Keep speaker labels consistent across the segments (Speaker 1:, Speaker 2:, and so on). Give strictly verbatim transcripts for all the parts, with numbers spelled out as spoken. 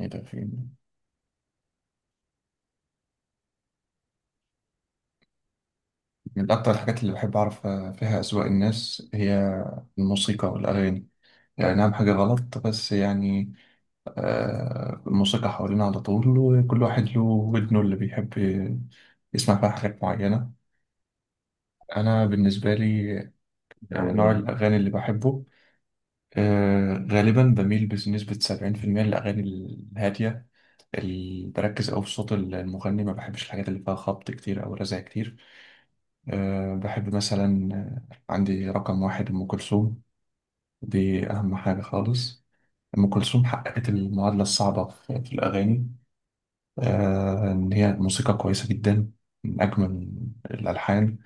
Speaker 1: ايه ده؟ فين؟ من اكتر الحاجات اللي بحب اعرف فيها اذواق الناس هي الموسيقى والاغاني. يعني نعم، حاجه غلط، بس يعني آه الموسيقى حوالينا على طول، وكل واحد له ودنه اللي بيحب يسمع فيها حاجات معينه. انا بالنسبه لي آه، نوع
Speaker 2: أنا
Speaker 1: الاغاني اللي بحبه، آه غالبا بميل بنسبه سبعين في المية للاغاني الهاديه اللي بركز أوي في صوت المغني. ما بحبش الحاجات اللي فيها خبط كتير او رزع كتير. أه بحب مثلا آه، عندي رقم واحد أم كلثوم. دي أهم حاجة خالص. أم كلثوم حققت المعادلة الصعبة في في الأغاني. أه إن هي موسيقى كويسة جدا، من أجمل الألحان،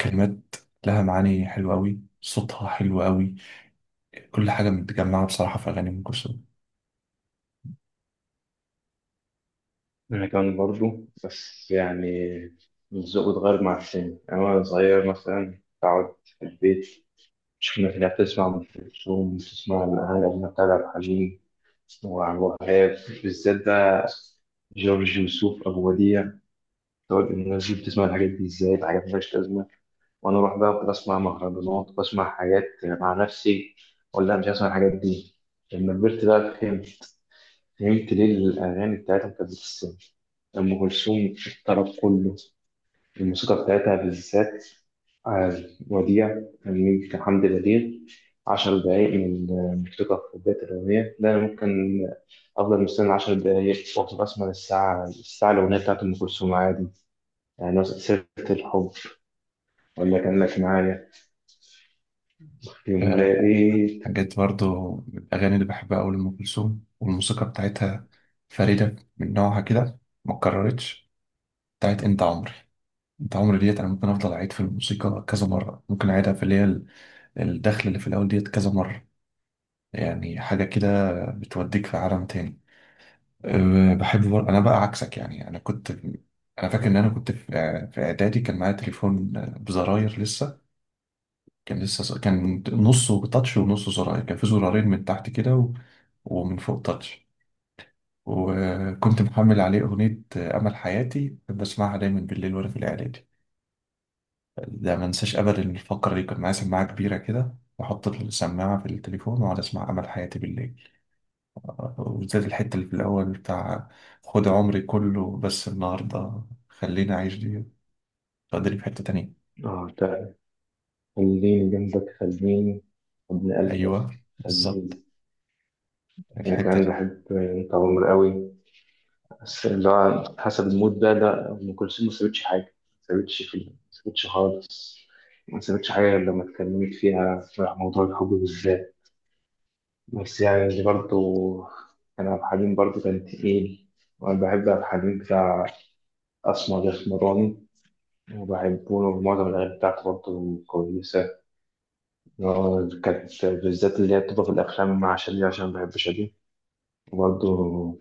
Speaker 1: كلمات لها معاني حلوة أوي، صوتها حلو أوي، كل حاجة متجمعة بصراحة في أغاني أم كلثوم.
Speaker 2: أنا كمان برضو بس يعني الذوق اتغير مع السن، يعني وأنا صغير مثلا قعدت في البيت. مش الناس اللي بتسمع أم كلثوم بتسمع الأغاني القديمة بتاع عبد الحليم وعبد الوهاب، بالذات بقى جورج وسوف أبو وديع. تقعد الناس دي بتسمع الحاجات دي إزاي؟ الحاجات مالهاش لازمة. وأنا أروح بقى كنت أسمع مهرجانات، بسمع حاجات مع نفسي ولا مش هسمع الحاجات دي. لما كبرت بقى فهمت، فهمت ليه الأغاني بتاعتهم كانت بتستمر. أم كلثوم الطرب كله، الموسيقى بتاعتها بالذات. آه، وديع كان حمد بليغ. عشر دقايق من الموسيقى في بداية الأغنية، ده أنا ممكن أفضل مستني عشر دقايق وأفضل أسمع الساعة الساعة الأغنية بتاعت أم كلثوم عادي. يعني مثلا سيرة الحب، ولا كأنك معايا، يوم
Speaker 1: أه
Speaker 2: لقيت.
Speaker 1: جت برضو من الأغاني اللي بحبها أوي لأم كلثوم، والموسيقى بتاعتها فريدة من نوعها كده، متكررتش، بتاعت أنت عمري. انت عمري ديت انا ممكن افضل اعيد في الموسيقى كذا مره، ممكن اعيدها في اللي هي ال- الدخل اللي في الاول ديت كذا مره. يعني حاجه كده بتوديك في عالم تاني. أه، بحب بر... انا بقى عكسك. يعني انا كنت انا فاكر ان انا كنت في في اعدادي، كان معايا تليفون أه، بزراير لسه. كان لسه ز- كان نصه تاتش ونصه زراير، كان في زرارين من تحت كده و... ومن فوق تاتش. وكنت محمل عليه اغنيه أه، امل حياتي، بسمعها دايما بالليل وانا في الاعدادي. ده ما انساش ابدا الفقره اللي كان معايا سماعه كبيره كده، واحط السماعه في التليفون واقعد اسمع امل حياتي بالليل. آه، وبالذات الحته اللي في الاول بتاع خد عمري كله، بس النهارده خليني اعيش دي، تقدري في حته تانية.
Speaker 2: آه ده، خليني جنبك، خليني ابن
Speaker 1: ايوه
Speaker 2: قلبك
Speaker 1: بالظبط،
Speaker 2: خليني. يعني
Speaker 1: الحته
Speaker 2: كان
Speaker 1: دي.
Speaker 2: بحب أنت عمر قوي. بس اللي هو حسب المود ده، لا أم كلثوم ما سابتش حاجة. ما سابتش في ما سابتش خالص. ما سابتش حاجة غير لما اتكلمت فيها في موضوع الحب بالذات. بس يعني برضه كان عبد الحليم برضه كان تقيل. وأنا بحب عبد الحليم بتاع أسمر الأسمراني، وبحبه، ومعظم الأغاني بتاعته برضه كويسة. اللي هو كانت بالذات اللي هي بتبقى في الأفلام مع شادية، عشان بحب شادية. وبرضه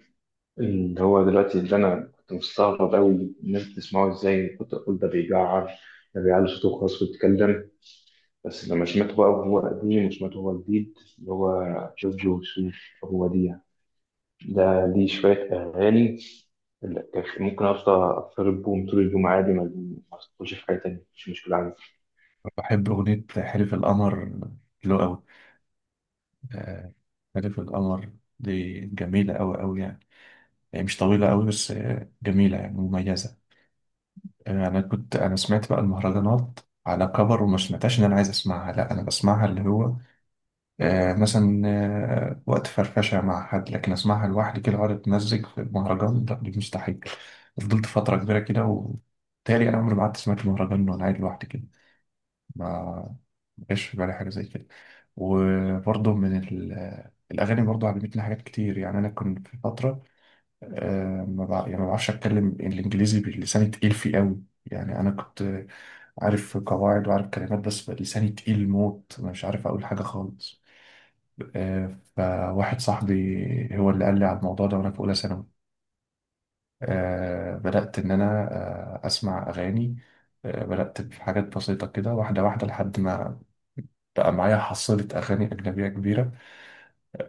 Speaker 2: اللي هو دلوقتي، اللي انا كنت مستغرب قوي الناس بتسمعه ازاي، كنت اقول ده بيجعر، ده بيعلي صوته خالص ويتكلم. بس لما سمعته بقى وهو قديم وسمعته وهو جديد، اللي هو جورج وسوف، هو دي يعني. ده ليه شوية أغاني اللي كان ممكن أفضل أضطرب بهم طول اليوم عادي، ما ما أدخلش في حاجة تانية، مش مشكلة عندي.
Speaker 1: بحب اغنيه حلف القمر، حلوه قوي. آه، حلف القمر دي جميله قوي قوي يعني. هي مش طويله قوي، بس آه، جميله، يعني مميزه. آه، انا كنت انا سمعت بقى المهرجانات على كبر، وما سمعتهاش ان انا عايز اسمعها، لا انا بسمعها اللي هو آه مثلا آه وقت فرفشه مع حد، لكن اسمعها لوحدي كده اقعد اتمزج في المهرجان، لا دي مستحيل. فضلت فتره كبيره كده، وبالتالي انا عمري ما قعدت سمعت مهرجان وانا قاعد لوحدي كده. ما ما جاش في بالي حاجه زي كده. وبرضه من ال- الاغاني برضه علمتني حاجات كتير. يعني انا كنت في فتره آه، ما بع- يعني ما بعرفش اتكلم الانجليزي، بلساني تقيل فيه قوي. يعني انا كنت عارف قواعد وعارف كلمات، بس بقى لساني تقيل موت، أنا مش عارف اقول حاجه خالص. آه، فواحد صاحبي هو اللي قال لي على الموضوع ده وانا في اولى ثانوي. آه، بدات ان انا آه، اسمع اغاني. آه، بدات بحاجات بسيطه كده، واحده واحده، لحد ما بقى معايا حصيله اغاني اجنبيه كبيره.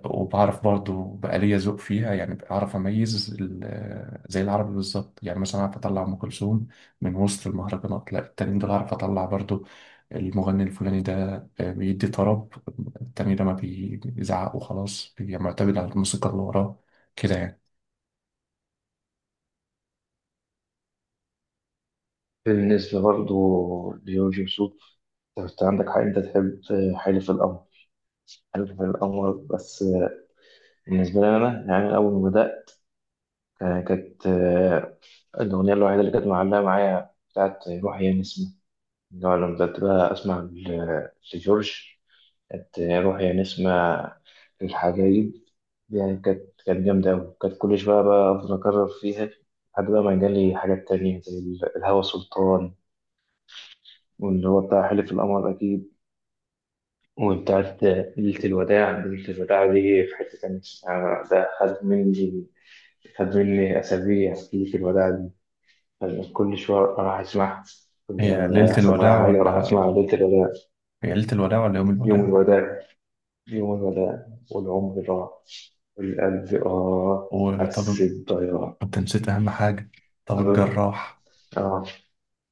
Speaker 1: وبعرف برضو بقى ليا ذوق فيها. يعني بعرف اميز ال- زي العربي بالظبط. يعني مثلا اعرف اطلع ام كلثوم من وسط المهرجانات، لا التانيين دول اعرف اطلع برضو المغني الفلاني ده آه، بيدي طرب، التاني ده ما بيزعق وخلاص، بيبقى معتمد على الموسيقى اللي وراه كده يعني.
Speaker 2: بالنسبة برضه لجورج وسوف، أنت عندك حق أنت تحب حلف القمر. حلف القمر بس. بالنسبة لي أنا، يعني أول ما بدأت كانت آه، الأغنية الوحيدة اللي كانت معلقة معايا بتاعت روحي يا نسمة. اللي هو لما بدأت بقى أسمع ل- لجورج، كانت روحي يا نسمة للحبايب. دي يعني كانت كانت جامدة أوي، كانت كل شوية بقى أفضل أكرر فيها. لحد بقى ما جالي حاجات تانية زي ال- الهوى سلطان، واللي هو بتاع حلف القمر أكيد، وبتاعت ليلة الوداع. ليلة الوداع دي في حتة تانية، يعني ده خد مني خد مني أسابيع ليلة الوداع دي. كل شوية أروح أسمعها. كل-
Speaker 1: هي
Speaker 2: آه،
Speaker 1: ليلة
Speaker 2: هيحصل
Speaker 1: الوداع
Speaker 2: معايا حاجة أروح
Speaker 1: ولا
Speaker 2: أسمع ليلة الوداع.
Speaker 1: هي ليلة الوداع ولا يوم
Speaker 2: يوم
Speaker 1: الوداع؟
Speaker 2: الوداع، يوم الوداع والعمر راح، والقلب آه
Speaker 1: وطبيب؟
Speaker 2: حسيت ضياع.
Speaker 1: انت نسيت اهم حاجة، طبيب جراح.
Speaker 2: اه،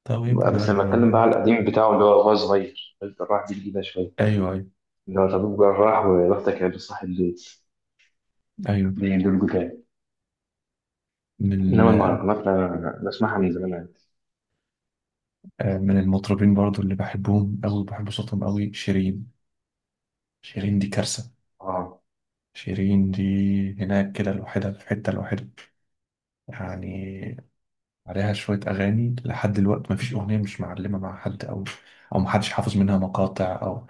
Speaker 1: طبيب
Speaker 2: بس لما اتكلم
Speaker 1: جراح.
Speaker 2: بقى على القديم بتاعه اللي هو وهو صغير، قلت راح دي جديده شويه،
Speaker 1: ايوه، ايوه.
Speaker 2: اللي هو طبيب جراح وبختك يا صاحب البيت،
Speaker 1: ايوه.
Speaker 2: دي دول جداد.
Speaker 1: من
Speaker 2: انما المهرجانات انا بسمعها من زمان عادي.
Speaker 1: آه، من المطربين برضو اللي بحبهم أوي، بحب صوتهم أوي، شيرين. شيرين دي كارثة.
Speaker 2: اه،
Speaker 1: شيرين دي هناك كده لوحدها، في حتة لوحدها يعني. عليها شوية أغاني لحد دلوقتي، مفيش أغنية مش معلمة مع حد، أو أو محدش حافظ منها مقاطع، أو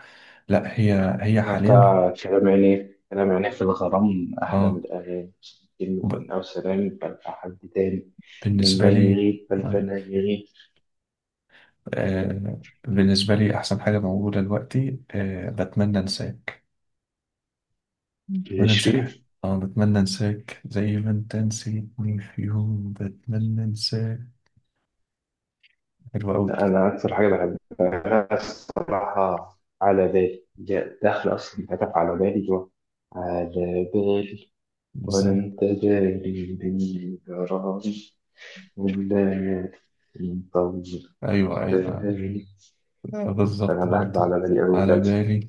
Speaker 1: لا هي هي
Speaker 2: لا،
Speaker 1: حاليا.
Speaker 2: بتاع كلام عيني، كلام عيني في الغرام أحلى من
Speaker 1: اه.
Speaker 2: الأغاني كلمة،
Speaker 1: وب-
Speaker 2: أو سلام بل حد تاني،
Speaker 1: بالنسبة
Speaker 2: لما
Speaker 1: لي،
Speaker 2: يغيب بل فلا يغيب.
Speaker 1: آه بالنسبة لي أحسن حاجة موجودة دلوقتي آه بتمنى أنساك. بتمنى انساك حاجة.
Speaker 2: العشرين.
Speaker 1: اه، بتمنى انساك زي ما انت نسيتني في يوم، بتمنى انساك. حلوة أوي.
Speaker 2: أنا أكثر حاجة بحبها الصراحة على بالي جاء داخل، أصلا كتب على بالي جوا، على بالي، ولا
Speaker 1: بالظبط.
Speaker 2: أنت جاري، بني جراري، والليالي مطول،
Speaker 1: ايوه،
Speaker 2: قلت
Speaker 1: ايوه.
Speaker 2: لي، أنا
Speaker 1: بالظبط
Speaker 2: بحب
Speaker 1: برضه.
Speaker 2: على بالي أوي
Speaker 1: على
Speaker 2: بتاعتي.
Speaker 1: بالي.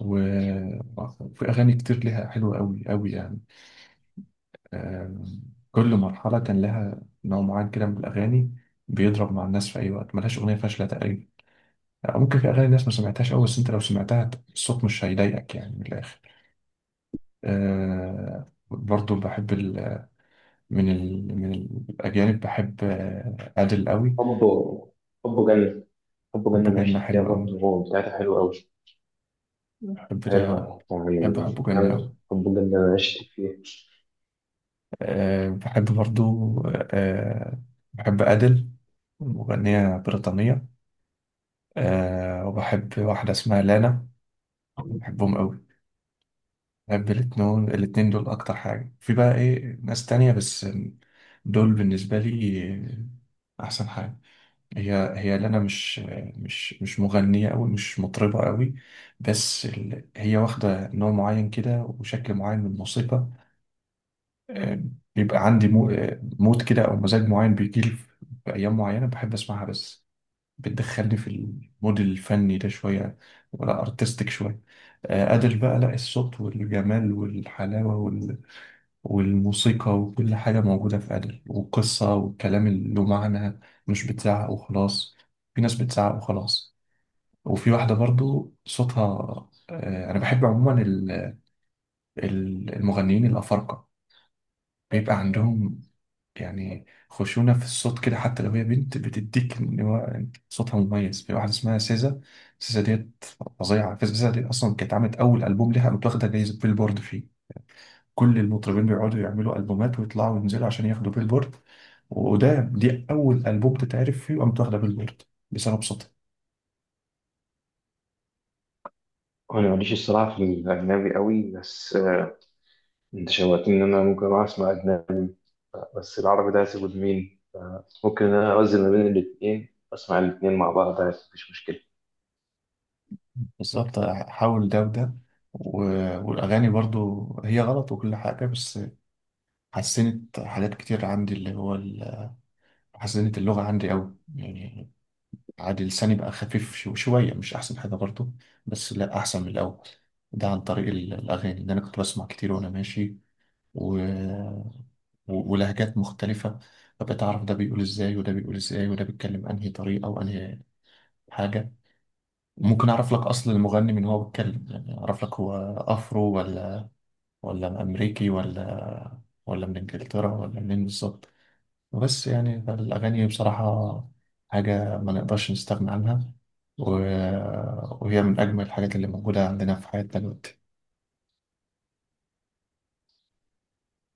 Speaker 1: و- وفي اغاني كتير ليها حلوة أوي أوي يعني. آم، كل مرحلة كان لها نوع معين كده من الأغاني، بيضرب مع الناس في أي وقت، ملهاش أغنية فاشلة تقريبا. آه، ممكن في أغاني الناس ما سمعتهاش أوي، بس أنت لو سمعتها الصوت مش هيضايقك يعني، من الآخر. آه، برضو بحب ال- من ال... من الأجانب. بحب آه، أدل قوي.
Speaker 2: حبه حبه جنة، حب جنة
Speaker 1: حبه
Speaker 2: ما عشت
Speaker 1: جنة
Speaker 2: فيها،
Speaker 1: حلو قوي.
Speaker 2: برضه هو بتاعتها حلوة أوي.
Speaker 1: بحب ده.
Speaker 2: حلوة
Speaker 1: بحب حبه
Speaker 2: يعني،
Speaker 1: جنة قوي.
Speaker 2: جامد حب جنة ما عشت فيها.
Speaker 1: أه بحب برضو. أه بحب أدل، مغنية بريطانية. أه وبحب واحدة اسمها لانا. بحبهم قوي. بحب الاتنين، الاتنين دول أكتر حاجة، في بقى إيه ناس تانية بس دول بالنسبة لي أحسن حاجة. هي هي لنا مش مش مش مغنية أوي، مش مطربة أوي، بس ال... هي واخدة نوع معين كده وشكل معين من الموسيقى. آه، بيبقى عندي مو... آه، مود كده أو مزاج معين بيجيلي في في أيام معينة بحب أسمعها بس. بتدخلني في المود الفني ده شوية، ولا أرتستيك شوية. آه، أدل بقى، لا الصوت والجمال والحلاوة والموسيقى وكل حاجة موجودة في أدل، والقصة والكلام اللي له معنى، مش بتزعق وخلاص. في ناس بتزعق وخلاص. وفي واحدة برضو صوتها، آه، أنا بحب عموما ال- ال- المغنيين الأفارقة، بيبقى عندهم يعني خشونة في الصوت كده، حتى لو هي بنت بتديك إن هو صوتها مميز. في واحدة اسمها سيزا. سيزا ديت فظيعة. سيزا ديت أصلا كانت عملت أول ألبوم لها متاخدة جايزة بيلبورد فيه. كل المطربين بيقعدوا يعملوا ألبومات ويطلعوا وينزلوا عشان ياخدوا بيلبورد، وده دي أول ألبوم تتعرف فيه وقامت واخدة بيلبورد بسبب صوتها.
Speaker 2: أنا ماليش الصراحة في الأجنبي أوي، بس آه، أنت شوقتني إن أنا ممكن أروح أسمع أجنبي. بس العربي ده هسيبه لمين؟ ممكن إن أنا أوزن ما بين الاتنين، أسمع الاتنين مع بعض عادي، مفيش مشكلة.
Speaker 1: بالظبط. حاول ده وده. و- والأغاني برضو هي غلط وكل حاجة، بس حسنت حاجات كتير عندي، اللي هو ال- حسنت اللغة عندي أوي يعني، عادي لساني بقى خفيف شو- شوية، مش أحسن حاجة برضو، بس لا أحسن من الأول. ده عن طريق ال- الأغاني اللي أنا كنت بسمع كتير وأنا ماشي، و- ولهجات مختلفة. فبقيت أعرف ده بيقول إزاي وده بيقول إزاي، وده بيتكلم أنهي طريقة وأنهي حاجة. ممكن أعرف لك أصل المغني من هو بيتكلم، يعني أعرف لك هو أفرو ولا ولا أمريكي ولا ولا من إنجلترا، ولا منين بالظبط. بس يعني الأغاني بصراحة حاجة ما نقدرش نستغنى عنها، و... وهي من أجمل الحاجات اللي موجودة عندنا في حياتنا دلوقتي.